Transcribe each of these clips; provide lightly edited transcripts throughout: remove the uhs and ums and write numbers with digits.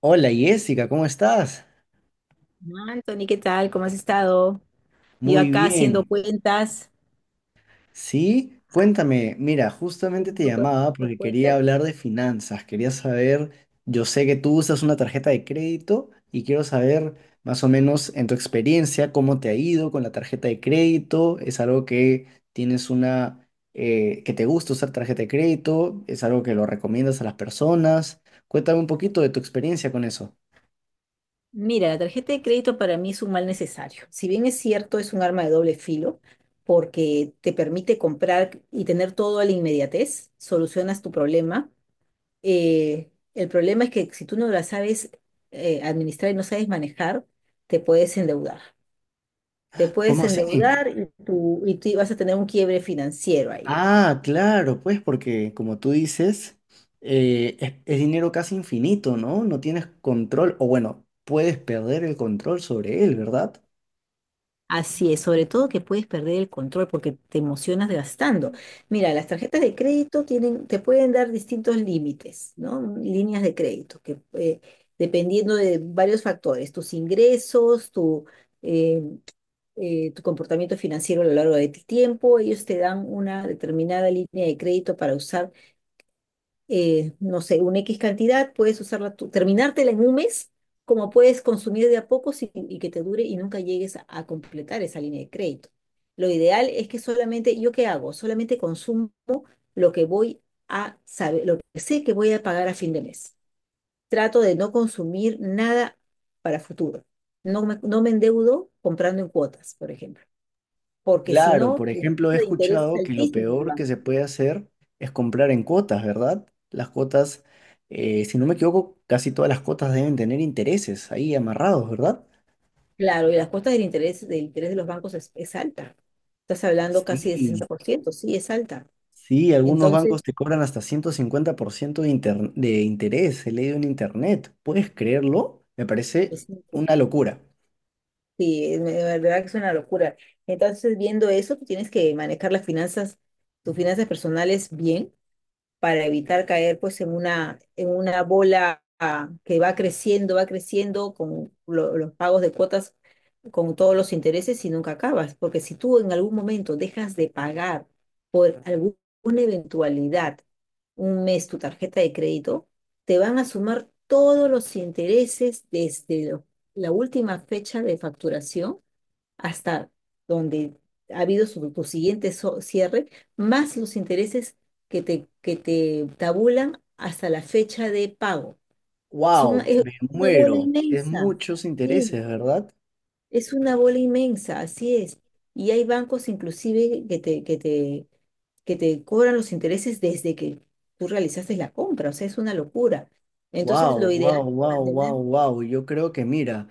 Hola Jessica, ¿cómo estás? Hola, Anthony, ¿qué tal? ¿Cómo has estado? Yo Muy acá bien. Sí, cuéntame, mira, justamente haciendo un te poco llamaba de porque quería cuentas. hablar de finanzas, quería saber, yo sé que tú usas una tarjeta de crédito y quiero saber más o menos en tu experiencia cómo te ha ido con la tarjeta de crédito, es algo que tienes una, que te gusta usar tarjeta de crédito, es algo que lo recomiendas a las personas. Cuéntame un poquito de tu experiencia con eso. Mira, la tarjeta de crédito para mí es un mal necesario. Si bien es cierto, es un arma de doble filo porque te permite comprar y tener todo a la inmediatez, solucionas tu problema. El problema es que si tú no la sabes administrar y no sabes manejar, te puedes endeudar. Te puedes ¿Cómo así? endeudar y tú vas a tener un quiebre financiero ahí. Ah, claro, pues porque como tú dices, es dinero casi infinito, ¿no? No tienes control, o bueno, puedes perder el control sobre él, ¿verdad? Así es, sobre todo que puedes perder el control porque te emocionas gastando. Mira, las tarjetas de crédito te pueden dar distintos límites, ¿no? Líneas de crédito, que dependiendo de varios factores, tus ingresos, eh, tu comportamiento financiero a lo largo de tu tiempo, ellos te dan una determinada línea de crédito para usar no sé, una X cantidad, puedes usarla tú, terminártela en un mes, como puedes consumir de a pocos y que te dure y nunca llegues a completar esa línea de crédito. Lo ideal es que solamente, ¿yo qué hago? Solamente consumo lo que voy lo que sé que voy a pagar a fin de mes. Trato de no consumir nada para futuro. No me endeudo comprando en cuotas, por ejemplo, porque si Claro, no, por la tasa ejemplo, he de interés es escuchado que lo peor altísima. que se puede hacer es comprar en cuotas, ¿verdad? Las cuotas, si no me equivoco, casi todas las cuotas deben tener intereses ahí amarrados, ¿verdad? Claro, y las cuotas del interés de los bancos es alta. Estás hablando casi de sesenta Sí, por ciento, sí, es alta. Sí, algunos Entonces, bancos te cobran hasta 150% de interés, he leído en internet. ¿Puedes creerlo? Me parece es una increíble. locura. Sí, de verdad que es una locura. Entonces, viendo eso, tú tienes que manejar tus finanzas personales bien para evitar caer pues en una bola que va creciendo con los pagos de cuotas, con todos los intereses y nunca acabas, porque si tú en algún momento dejas de pagar por alguna eventualidad un mes tu tarjeta de crédito, te van a sumar todos los intereses desde la última fecha de facturación hasta donde ha habido tu siguiente cierre, más los intereses que te tabulan hasta la fecha de pago. Son, ¡Wow! es Me una bola muero. Es inmensa, muchos sí, intereses, ¿verdad? es una bola inmensa, así es. Y hay bancos inclusive que te cobran los intereses desde que tú realizaste la compra, o sea, es una locura. Entonces, ¡Wow, lo ideal wow, es wow, wow, mantener. wow! Yo creo que mira.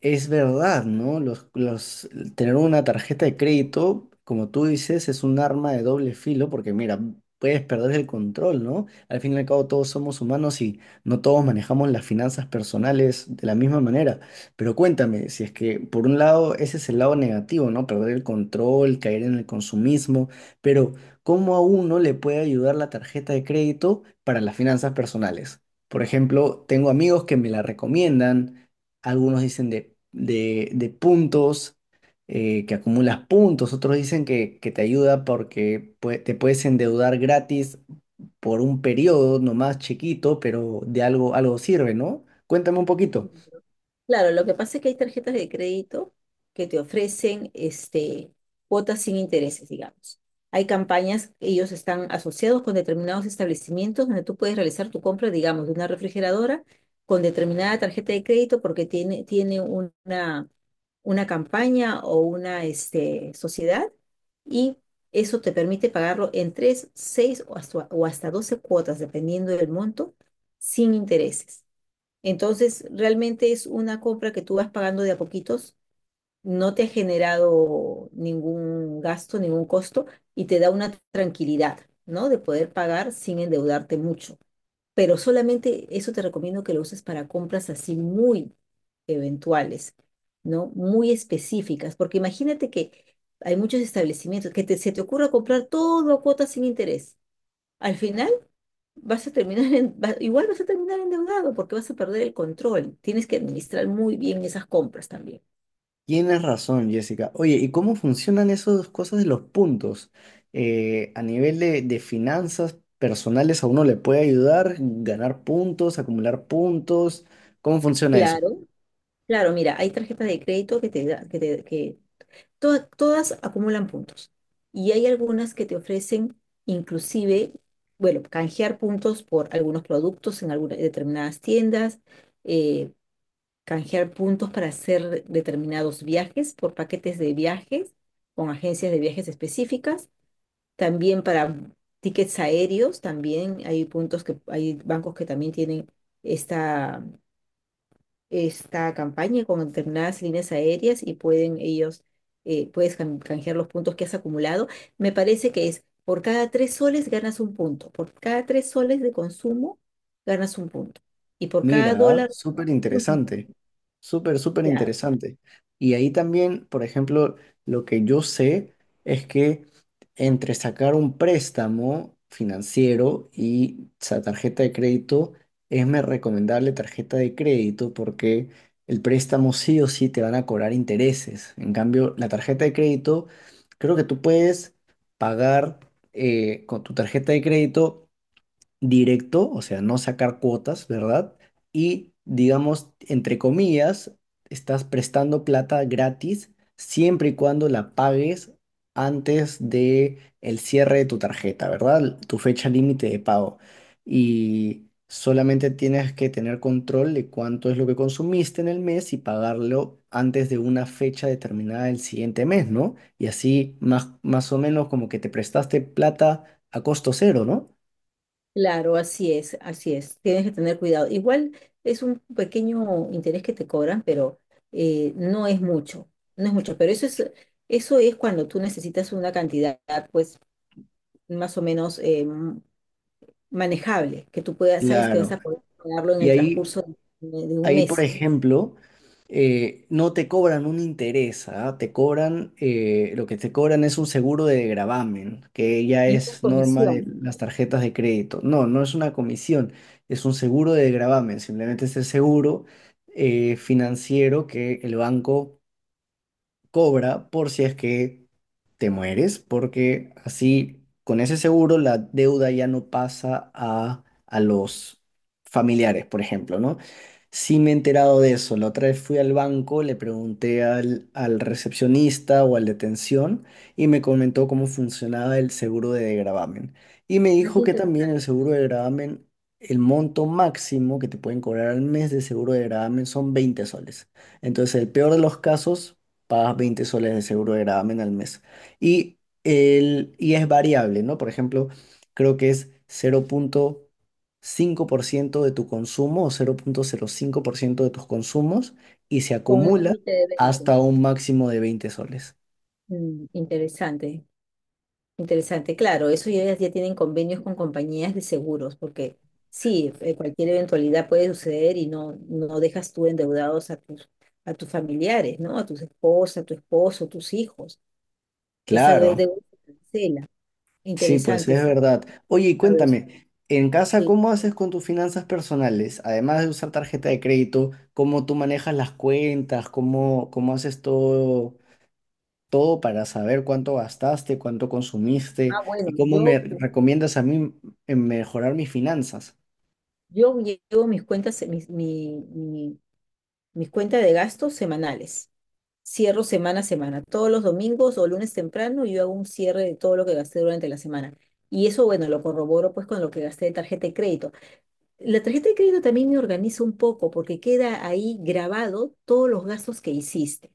Es verdad, ¿no? Tener una tarjeta de crédito, como tú dices, es un arma de doble filo porque, mira, puedes perder el control, ¿no? Al fin y al cabo, todos somos humanos y no todos manejamos las finanzas personales de la misma manera. Pero cuéntame, si es que, por un lado, ese es el lado negativo, ¿no? Perder el control, caer en el consumismo, pero ¿cómo a uno le puede ayudar la tarjeta de crédito para las finanzas personales? Por ejemplo, tengo amigos que me la recomiendan, algunos dicen de puntos, que acumulas puntos, otros dicen que te ayuda porque te puedes endeudar gratis por un periodo nomás chiquito, pero de algo, algo sirve, ¿no? Cuéntame un poquito. Claro, lo que pasa es que hay tarjetas de crédito que te ofrecen cuotas sin intereses, digamos. Hay campañas, ellos están asociados con determinados establecimientos donde tú puedes realizar tu compra, digamos, de una refrigeradora con determinada tarjeta de crédito porque tiene una campaña o una sociedad y eso te permite pagarlo en tres, seis o hasta 12 cuotas, dependiendo del monto, sin intereses. Entonces, realmente es una compra que tú vas pagando de a poquitos, no te ha generado ningún gasto, ningún costo y te da una tranquilidad, ¿no? De poder pagar sin endeudarte mucho. Pero solamente eso te recomiendo que lo uses para compras así muy eventuales, ¿no? Muy específicas, porque imagínate que hay muchos establecimientos que se te ocurra comprar todo a cuotas sin interés. Al final vas a terminar igual vas a terminar endeudado porque vas a perder el control. Tienes que administrar muy bien esas compras también. Tienes razón, Jessica. Oye, ¿y cómo funcionan esas cosas de los puntos? A nivel de finanzas personales, ¿a uno le puede ayudar ganar puntos, acumular puntos? ¿Cómo funciona eso? Claro. Claro, mira, hay tarjetas de crédito que te da- que te- que to- todas acumulan puntos. Y hay algunas que te ofrecen inclusive, bueno, canjear puntos por algunos productos en algunas determinadas tiendas, eh, canjear puntos para hacer determinados viajes por paquetes de viajes con agencias de viajes específicas. También para tickets aéreos, también hay puntos que hay bancos que también tienen esta, esta campaña con determinadas líneas aéreas y pueden ellos, puedes can- canjear los puntos que has acumulado. Me parece que es por cada 3 soles ganas un punto, por cada 3 soles de consumo ganas un punto y por cada Mira, dólar. súper interesante, súper, súper Claro, interesante. Y ahí también, por ejemplo, lo que yo sé es que entre sacar un préstamo financiero y esa tarjeta de crédito, es más recomendable tarjeta de crédito porque el préstamo sí o sí te van a cobrar intereses. En cambio, la tarjeta de crédito, creo que tú puedes pagar con tu tarjeta de crédito directo, o sea, no sacar cuotas, ¿verdad? Y digamos, entre comillas, estás prestando plata gratis siempre y cuando la pagues antes de el cierre de tu tarjeta, ¿verdad? Tu fecha límite de pago. Y solamente tienes que tener control de cuánto es lo que consumiste en el mes y pagarlo antes de una fecha determinada del siguiente mes, ¿no? Y así más, más o menos como que te prestaste plata a costo cero, ¿no? claro, así es, así es. Tienes que tener cuidado. Igual es un pequeño interés que te cobran, pero no es mucho, no es mucho. Pero eso es cuando tú necesitas una cantidad, pues, más o menos manejable, sabes que vas Claro. a poder pagarlo en Y el ahí, transcurso de un ahí por mes. ejemplo, no te cobran un interés, ¿ah? Te cobran, lo que te cobran es un seguro de gravamen, que ya Y una es norma de comisión, las tarjetas de crédito. No, no es una comisión, es un seguro de gravamen, simplemente es el seguro financiero que el banco cobra por si es que te mueres, porque así con ese seguro la deuda ya no pasa a los familiares, por ejemplo, ¿no? Sí me he enterado de eso. La otra vez fui al banco, le pregunté al recepcionista o al de atención y me comentó cómo funcionaba el seguro de gravamen. Y me dijo aquí que te- también el seguro de gravamen, el monto máximo que te pueden cobrar al mes de seguro de gravamen son 20 soles. Entonces, el peor de los casos pagas 20 soles de seguro de gravamen al mes. Y, es variable, ¿no? Por ejemplo, creo que es 0.5% de tu consumo o cero punto cero cinco por ciento de tus consumos y se con un acumula límite de 20. hasta un máximo de 20 soles. Interesante. Interesante, claro, eso ya tienen convenios con compañías de seguros, porque sí, cualquier eventualidad puede suceder y no dejas tú endeudados a tus familiares, ¿no? A tus esposas, a tu esposo, tus hijos. Esa Claro, deuda se cancela. sí, pues Interesante, es sí, verdad. Oye, y ¿sabes? cuéntame, en casa, Sí. ¿cómo haces con tus finanzas personales? Además de usar tarjeta de crédito, ¿cómo tú manejas las cuentas? ¿Cómo, cómo haces todo? Todo para saber cuánto gastaste, cuánto Ah, consumiste bueno, y cómo yo, me recomiendas a mí en mejorar mis finanzas. yo llevo mis cuentas. Mi cuenta de gastos semanales. Cierro semana a semana. Todos los domingos o lunes temprano yo hago un cierre de todo lo que gasté durante la semana. Y eso, bueno, lo corroboro pues con lo que gasté de tarjeta de crédito. La tarjeta de crédito también me organiza un poco porque queda ahí grabado todos los gastos que hiciste,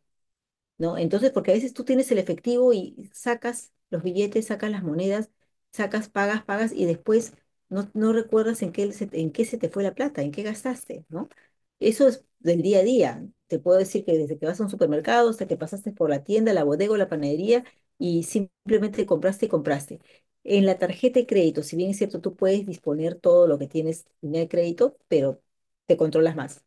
¿no? Entonces, porque a veces tú tienes el efectivo y sacas los billetes, sacas las monedas, sacas, pagas, pagas y después no recuerdas en qué, en qué se te fue la plata, en qué gastaste, ¿no? Eso es del día a día. Te puedo decir que desde que vas a un supermercado hasta que pasaste por la tienda, la bodega o la panadería y simplemente compraste y compraste. En la tarjeta de crédito, si bien es cierto, tú puedes disponer todo lo que tienes en el crédito, pero te controlas más.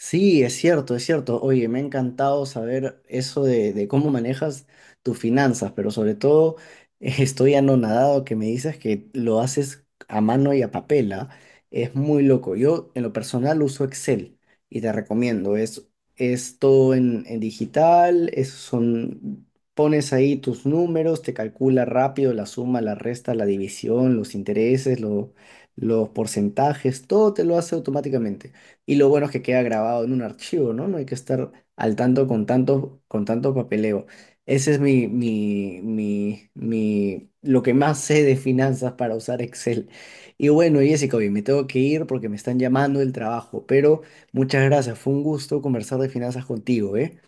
Sí, es cierto, es cierto. Oye, me ha encantado saber eso de cómo manejas tus finanzas, pero sobre todo estoy anonadado que me dices que lo haces a mano y a papel, ¿ah? Es muy loco. Yo en lo personal uso Excel y te recomiendo. Es todo en digital, pones ahí tus números, te calcula rápido la suma, la resta, la división, los intereses, los porcentajes, todo te lo hace automáticamente. Y lo bueno es que queda grabado en un archivo, ¿no? No hay que estar al tanto con tanto, con tanto papeleo. Ese es lo que más sé de finanzas para usar Excel. Y bueno, Jessica, hoy me tengo que ir porque me están llamando del trabajo, pero muchas gracias. Fue un gusto conversar de finanzas contigo, ¿eh?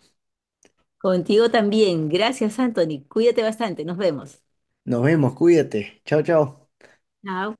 Contigo también. Gracias, Anthony. Cuídate bastante. Nos vemos. Nos vemos, cuídate. Chao, chao. Chao.